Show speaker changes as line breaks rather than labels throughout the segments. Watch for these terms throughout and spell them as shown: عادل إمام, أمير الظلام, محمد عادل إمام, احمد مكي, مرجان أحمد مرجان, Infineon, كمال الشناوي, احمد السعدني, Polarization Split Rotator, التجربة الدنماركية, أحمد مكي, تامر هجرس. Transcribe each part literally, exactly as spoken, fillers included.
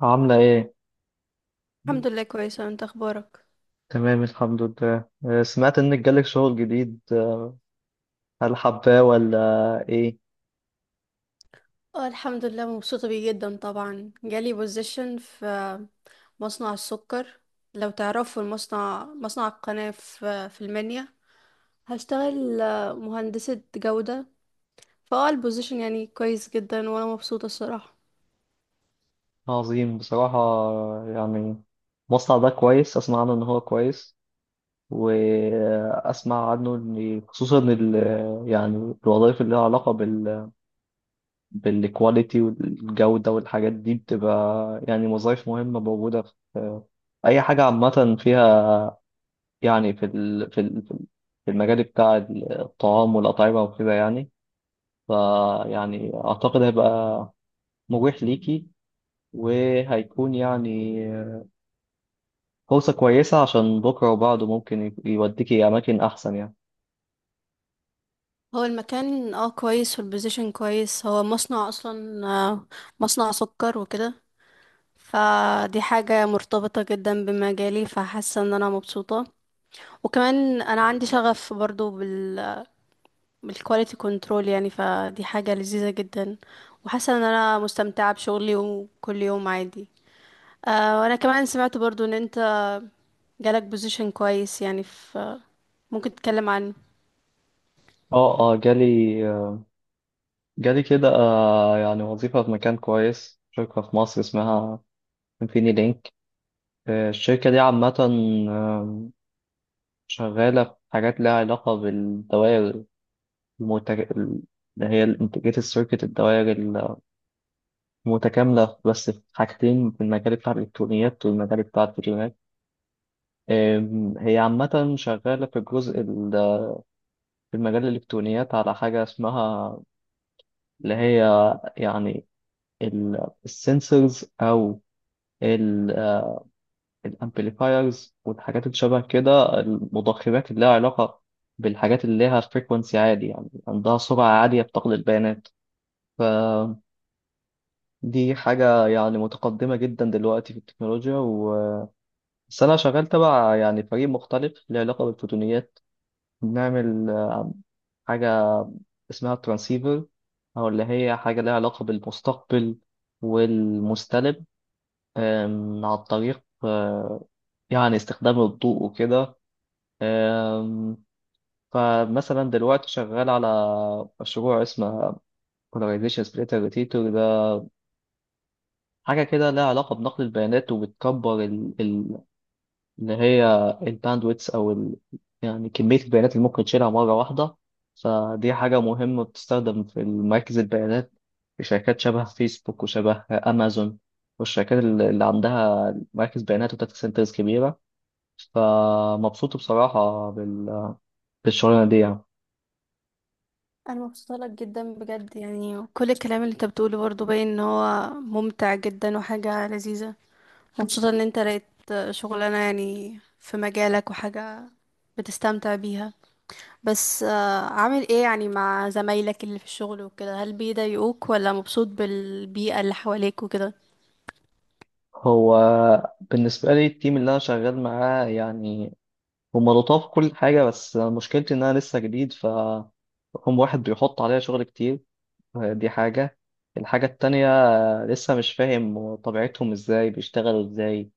عاملة ايه؟
الحمد لله كويسة، انت اخبارك؟
تمام الحمد لله آه، سمعت انك جالك شغل جديد آه، هل حباه ولا ايه؟
اه الحمد لله مبسوطة بيه جدا. طبعا جالي بوزيشن في مصنع السكر. لو تعرفوا المصنع، مصنع القناة في في المنيا. هشتغل آه، مهندسة جودة. فاه البوزيشن يعني كويس جدا وانا مبسوطة الصراحة.
عظيم بصراحة، آه، يعني المصنع ده كويس، اسمع عنه ان هو كويس، واسمع عنه ان خصوصا ال، يعني الوظائف اللي لها علاقة بال، بالكواليتي والجودة والحاجات دي بتبقى يعني وظائف مهمة موجودة في اي حاجة عامة فيها، يعني في ال في ال في المجال بتاع الطعام والأطعمة وكده، يعني فيعني أعتقد هيبقى مريح ليكي، وهيكون يعني فرصة كويسة عشان بكرة وبعده ممكن ي- يوديكي أماكن أحسن يعني.
هو المكان اه كويس والبوزيشن كويس. هو مصنع اصلا، آه، مصنع سكر وكده. فدي حاجة مرتبطة جدا بمجالي، فحاسة ان انا مبسوطة. وكمان انا عندي شغف برضو بال بالكواليتي كنترول. يعني فدي حاجة لذيذة جدا، وحاسة ان انا مستمتعة بشغلي وكل يوم عادي. آه، وانا كمان سمعت برضو ان انت جالك بوزيشن كويس يعني، في، ممكن تتكلم عنه؟
اه اه جالي، آه، جالي كده، آه، يعني وظيفة في مكان كويس، شركة في مصر اسمها انفيني لينك. آه، الشركة دي عامة، آم، شغالة في حاجات لها علاقة بالدوائر المتج... اللي هي الانتجريتد سيركت، الدوائر المتكاملة، بس في حاجتين: في المجال بتاع الإلكترونيات والمجال بتاع الفيديوهات. أم، هي عامة شغالة في الجزء ال- في مجال الإلكترونيات على حاجة اسمها، اللي هي يعني السنسورز أو الأمبليفايرز والحاجات اللي شبه كده، المضخمات اللي لها علاقة بالحاجات اللي لها فريكونسي عالي، يعني عندها سرعة عالية بتقل البيانات. فدي حاجة يعني متقدمة جدا دلوقتي في التكنولوجيا. و... بس أنا شغال تبع يعني فريق مختلف له علاقة بالفوتونيات. بنعمل حاجة اسمها الترانسيفر، أو اللي هي حاجة لها علاقة بالمستقبل والمستلب، أم، عن طريق أه، يعني استخدام الضوء وكده. أم، فمثلا دلوقتي شغال على مشروع اسمه Polarization Split Rotator. ده حاجة كده لها علاقة بنقل البيانات، وبتكبر ان هي الباندويتس او ال... يعني كميه البيانات اللي ممكن تشيلها مره واحده. فدي حاجه مهمه بتستخدم في مراكز البيانات، في شركات شبه فيسبوك وشبه امازون، والشركات ال- اللي عندها مراكز بيانات وداتا سنترز كبيره. فمبسوط بصراحه بال... بالشغلانه دي يعني.
انا مبسوطة لك جدا بجد. يعني كل الكلام اللي انت بتقوله برضو باين ان هو ممتع جدا وحاجة لذيذة. مبسوطة ان انت لقيت شغلانة يعني في مجالك وحاجة بتستمتع بيها. بس آه، عامل ايه يعني مع زمايلك اللي في الشغل وكده؟ هل بيضايقوك ولا مبسوط بالبيئة اللي حواليك وكده؟
هو بالنسبه لي التيم اللي انا شغال معاه يعني هم لطاف، كل حاجه، بس مشكلتي ان انا لسه جديد. ف هم واحد بيحط عليا شغل كتير، دي حاجة. الحاجة التانية، آه، لسه مش فاهم طبيعتهم، ازاي بيشتغلوا ازاي،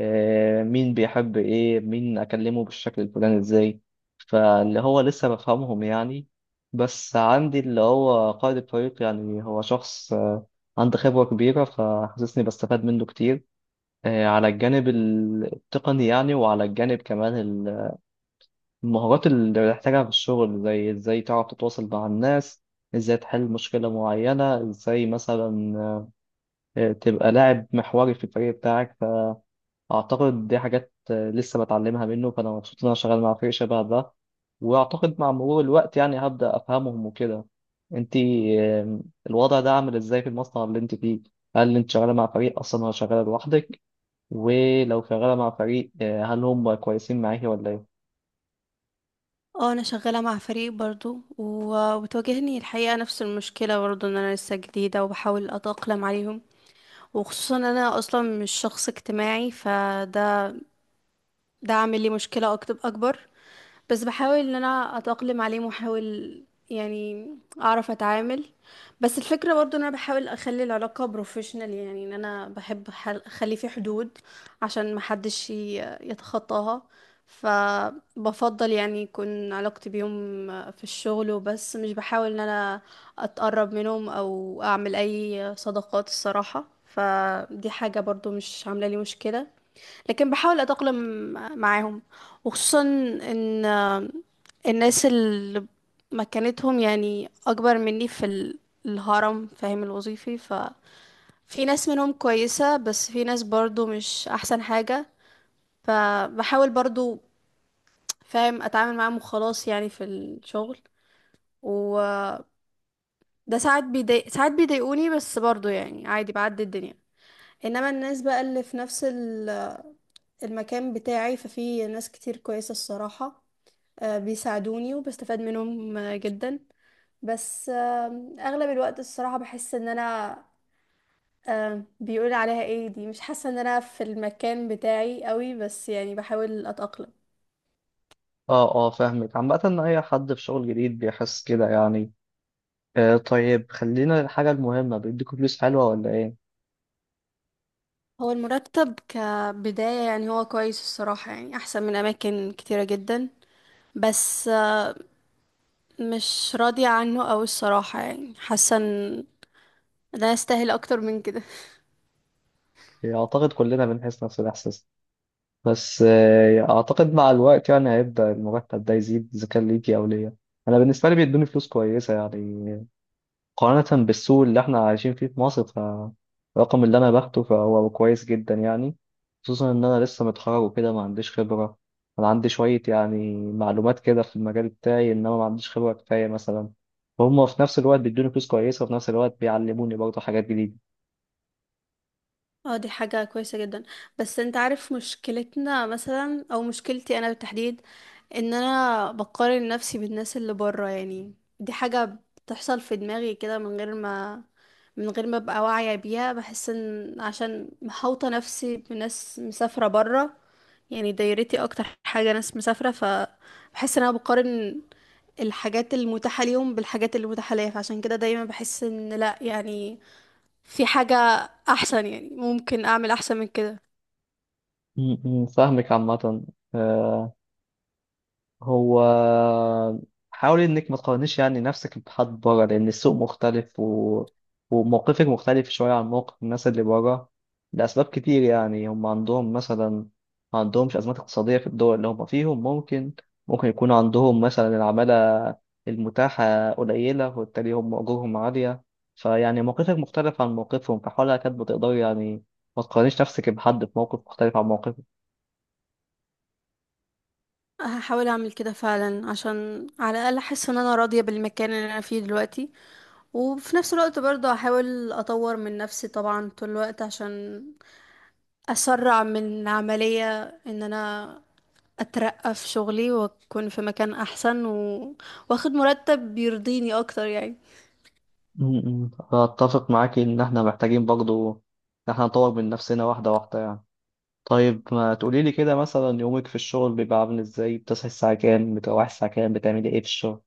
آه، مين بيحب ايه، مين اكلمه بالشكل الفلاني ازاي، فاللي هو لسه بفهمهم يعني. بس عندي اللي هو قائد الفريق، يعني هو شخص آه، عنده خبرة كبيرة، فحاسسني بستفاد منه كتير، آه، على الجانب التقني يعني، وعلى الجانب كمان المهارات اللي بتحتاجها في الشغل، زي ازاي تعرف تتواصل مع الناس، ازاي تحل مشكلة معينة، ازاي مثلا آه، تبقى لاعب محوري في الفريق بتاعك. فأعتقد دي حاجات آه، لسه بتعلمها منه، فأنا مبسوط إن أنا شغال مع فريق شبه ده. وأعتقد مع مرور الوقت يعني هبدأ أفهمهم وكده. انتي آه، الوضع ده عامل ازاي في المصنع اللي انت فيه؟ هل انت شغالة مع فريق أصلا ولا شغالة لوحدك؟ ولو شغالة مع فريق، آه، هل هم كويسين معاكي ولا ايه؟
اه انا شغاله مع فريق برضو، و- وبتواجهني الحقيقه نفس المشكله برضو ان انا لسه جديده وبحاول اتاقلم عليهم. وخصوصا ان انا اصلا مش شخص اجتماعي، فده ده عامل لي مشكله أكت- اكبر. بس بحاول ان انا اتأقلم عليه واحاول يعني اعرف اتعامل. بس الفكرة برضو ان انا بحاول اخلي العلاقة بروفيشنال. يعني ان انا بحب أح- اخلي في حدود عشان محدش ي- يتخطاها. فبفضل يعني يكون علاقتي بيهم في الشغل وبس، مش بحاول ان انا اتقرب منهم او اعمل اي صداقات الصراحة. فدي حاجة برضو مش عاملة لي مشكلة، لكن بحاول اتأقلم معاهم. وخصوصا ان الناس اللي مكانتهم يعني اكبر مني في ال- الهرم فاهم الوظيفي، ففي ناس منهم كويسة بس في ناس برضو مش احسن حاجة. فبحاول برضو فاهم اتعامل معاهم وخلاص يعني في الشغل. وده ساعات بيضايق ساعات بيضايقوني، بس برضو يعني عادي بعدي الدنيا. انما الناس بقى اللي في نفس ال- المكان بتاعي ففي ناس كتير كويسة الصراحة. آه، بيساعدوني وبستفاد منهم آه، جدا. بس آه، اغلب الوقت الصراحة بحس ان انا، آه، بيقول عليها ايه، دي مش حاسة ان انا في المكان بتاعي قوي، بس يعني بحاول اتأقلم.
اه اه، فاهمك. عامة ان اي حد في شغل جديد بيحس كده يعني. آه طيب، خلينا الحاجة المهمة، بيديكوا فلوس حلوة ولا ايه؟
هو المرتب كبداية يعني هو كويس الصراحة، يعني احسن من اماكن كتيرة جدا. بس آه، مش راضية عنه أوي الصراحة. يعني حاسة ان ده يستاهل اكتر من كده.
يعني اعتقد كلنا بنحس نفس الاحساس، بس آه اعتقد مع الوقت يعني هيبدأ المرتب ده يزيد، اذا كان ليكي او ليا. انا بالنسبة لي بيدوني فلوس كويسة يعني، مقارنة بالسوق اللي احنا عايشين فيه في مصر، فالرقم اللي انا باخده فهو كويس جدا يعني، خصوصا ان انا لسه متخرج وكده، ما عنديش خبرة. انا عندي شوية يعني معلومات كده في المجال بتاعي، انما ما عنديش خبرة كفاية مثلا. وهم في نفس الوقت بيدوني فلوس كويسة، وفي نفس الوقت بيعلموني برضه حاجات جديدة.
اه دي حاجة كويسة جدا. بس انت عارف مشكلتنا مثلا او مشكلتي انا بالتحديد ان انا بقارن نفسي بالناس اللي بره. يعني دي حاجة بتحصل في دماغي كده، من غير ما من غير ما ابقى واعية بيها. بحس ان عشان محوطة نفسي بناس مسافرة بره، يعني دايرتي اكتر حاجة ناس مسافرة، فبحس ان انا بقارن الحاجات المتاحة ليهم بالحاجات اللي متاحة ليا. فعشان كده دايما بحس ان لا، يعني في حاجة أحسن، يعني ممكن أعمل أحسن من كده.
م- م، فاهمك عامة. آه، هو حاول انك ما تقارنيش يعني نفسك بحد بره، لان السوق مختلف و... وموقفك مختلف شويه عن موقف الناس اللي بره، لاسباب كتير يعني. هم عندهم مثلا، ما عندهمش ازمات اقتصاديه في الدول اللي هم فيهم، ممكن ممكن يكون عندهم مثلا العماله المتاحه قليله وبالتالي هم اجورهم عاليه. فيعني موقفك مختلف عن موقفهم، فحاولها كانت بتقدر يعني ما تقارنيش نفسك بحد في موقف مختلف عن موقفك.
هحاول أعمل كده فعلا عشان على الأقل أحس إن أنا راضية بالمكان اللي أنا فيه دلوقتي. وفي نفس الوقت برضه هحاول أطور من نفسي طبعا طول الوقت عشان أسرع من عملية إن أنا أترقى في شغلي وأكون في مكان أحسن، و... وأخد مرتب بيرضيني أكتر يعني.
م- م. أتفق معاك إن إحنا محتاجين برضو إن إحنا نطور من نفسنا واحدة واحدة يعني. طيب ما تقوليلي كده، مثلا يومك في الشغل بيبقى عامل إزاي؟ بتصحي الساعة كام، بتروحي الساعة كام، بتعملي إيه في الشغل؟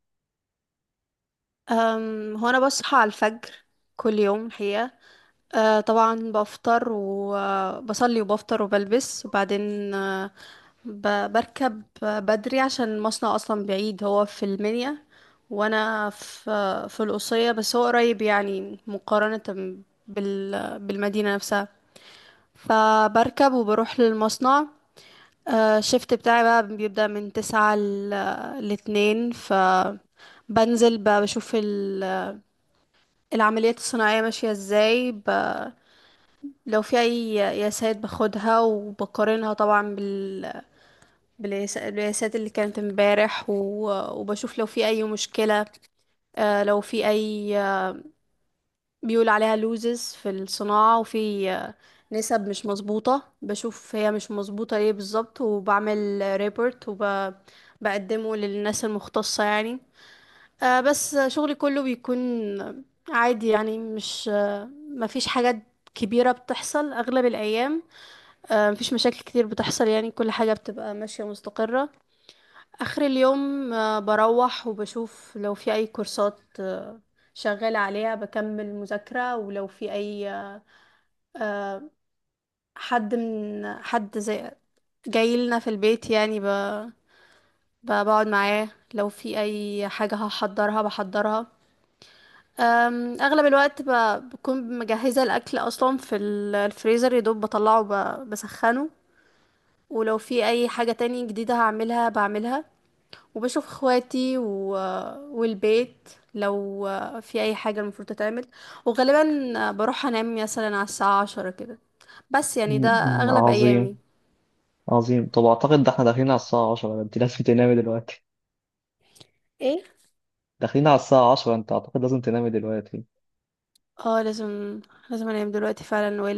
أم، هو أنا بصحى على الفجر كل يوم الحقيقة. آه طبعا بفطر وبصلي وبفطر وبلبس وبعدين، آه ب- بركب بدري عشان المصنع اصلا بعيد، هو في المنيا وانا في في القصية. بس هو قريب يعني مقارنة بال بالمدينة نفسها. فبركب وبروح للمصنع. آه، الشفت بتاعي بقى بيبدأ من تسعة ل- لاتنين. فبنزل بقى بشوف ال- العمليات الصناعية ماشية ازاي. ب- لو في اي قياسات باخدها وبقارنها طبعا بال... بالقياس- بالقياسات اللي كانت امبارح، و... وبشوف لو في اي مشكلة. آه لو في اي، آه، بيقول عليها لوزز في الصناعة، وفي آه، نسب مش مظبوطة، بشوف هي مش مظبوطة ليه بالظبط وبعمل ريبورت وبقدمه للناس المختصة يعني. آه بس شغلي كله بيكون عادي يعني، مش آه مفيش حاجات كبيرة بتحصل أغلب الأيام. آه، مفيش مشاكل كتير بتحصل يعني، كل حاجة بتبقى ماشية مستقرة. آخر اليوم آه، بروح وبشوف لو في أي كورسات آه، شغالة عليها بكمل مذاكرة. ولو في أي، آه، حد من حد زي جاي لنا في البيت يعني، ب- ب- بقعد معاه. لو في أي حاجة هحضرها بحضرها. أم، أغلب الوقت ب- بكون مجهزة الأكل أصلا في ال- الفريزر، يدوب بطلعه ب- بسخنه. ولو في أي حاجة تاني جديدة هعملها بعملها. وبشوف اخواتي و... والبيت لو في اي حاجة المفروض تتعمل. وغالبا بروح انام مثلا على الساعة عشرة كده. بس يعني ده
م- م.
اغلب ايامي.
عظيم، عظيم. طب أعتقد ده إحنا داخلين على الساعة عشرة، أنت لازم تنامي دلوقتي.
ايه؟
داخلين على الساعة عشرة، أنت أعتقد لازم تنامي دلوقتي.
اه لازم، لازم انام دلوقتي فعلا والا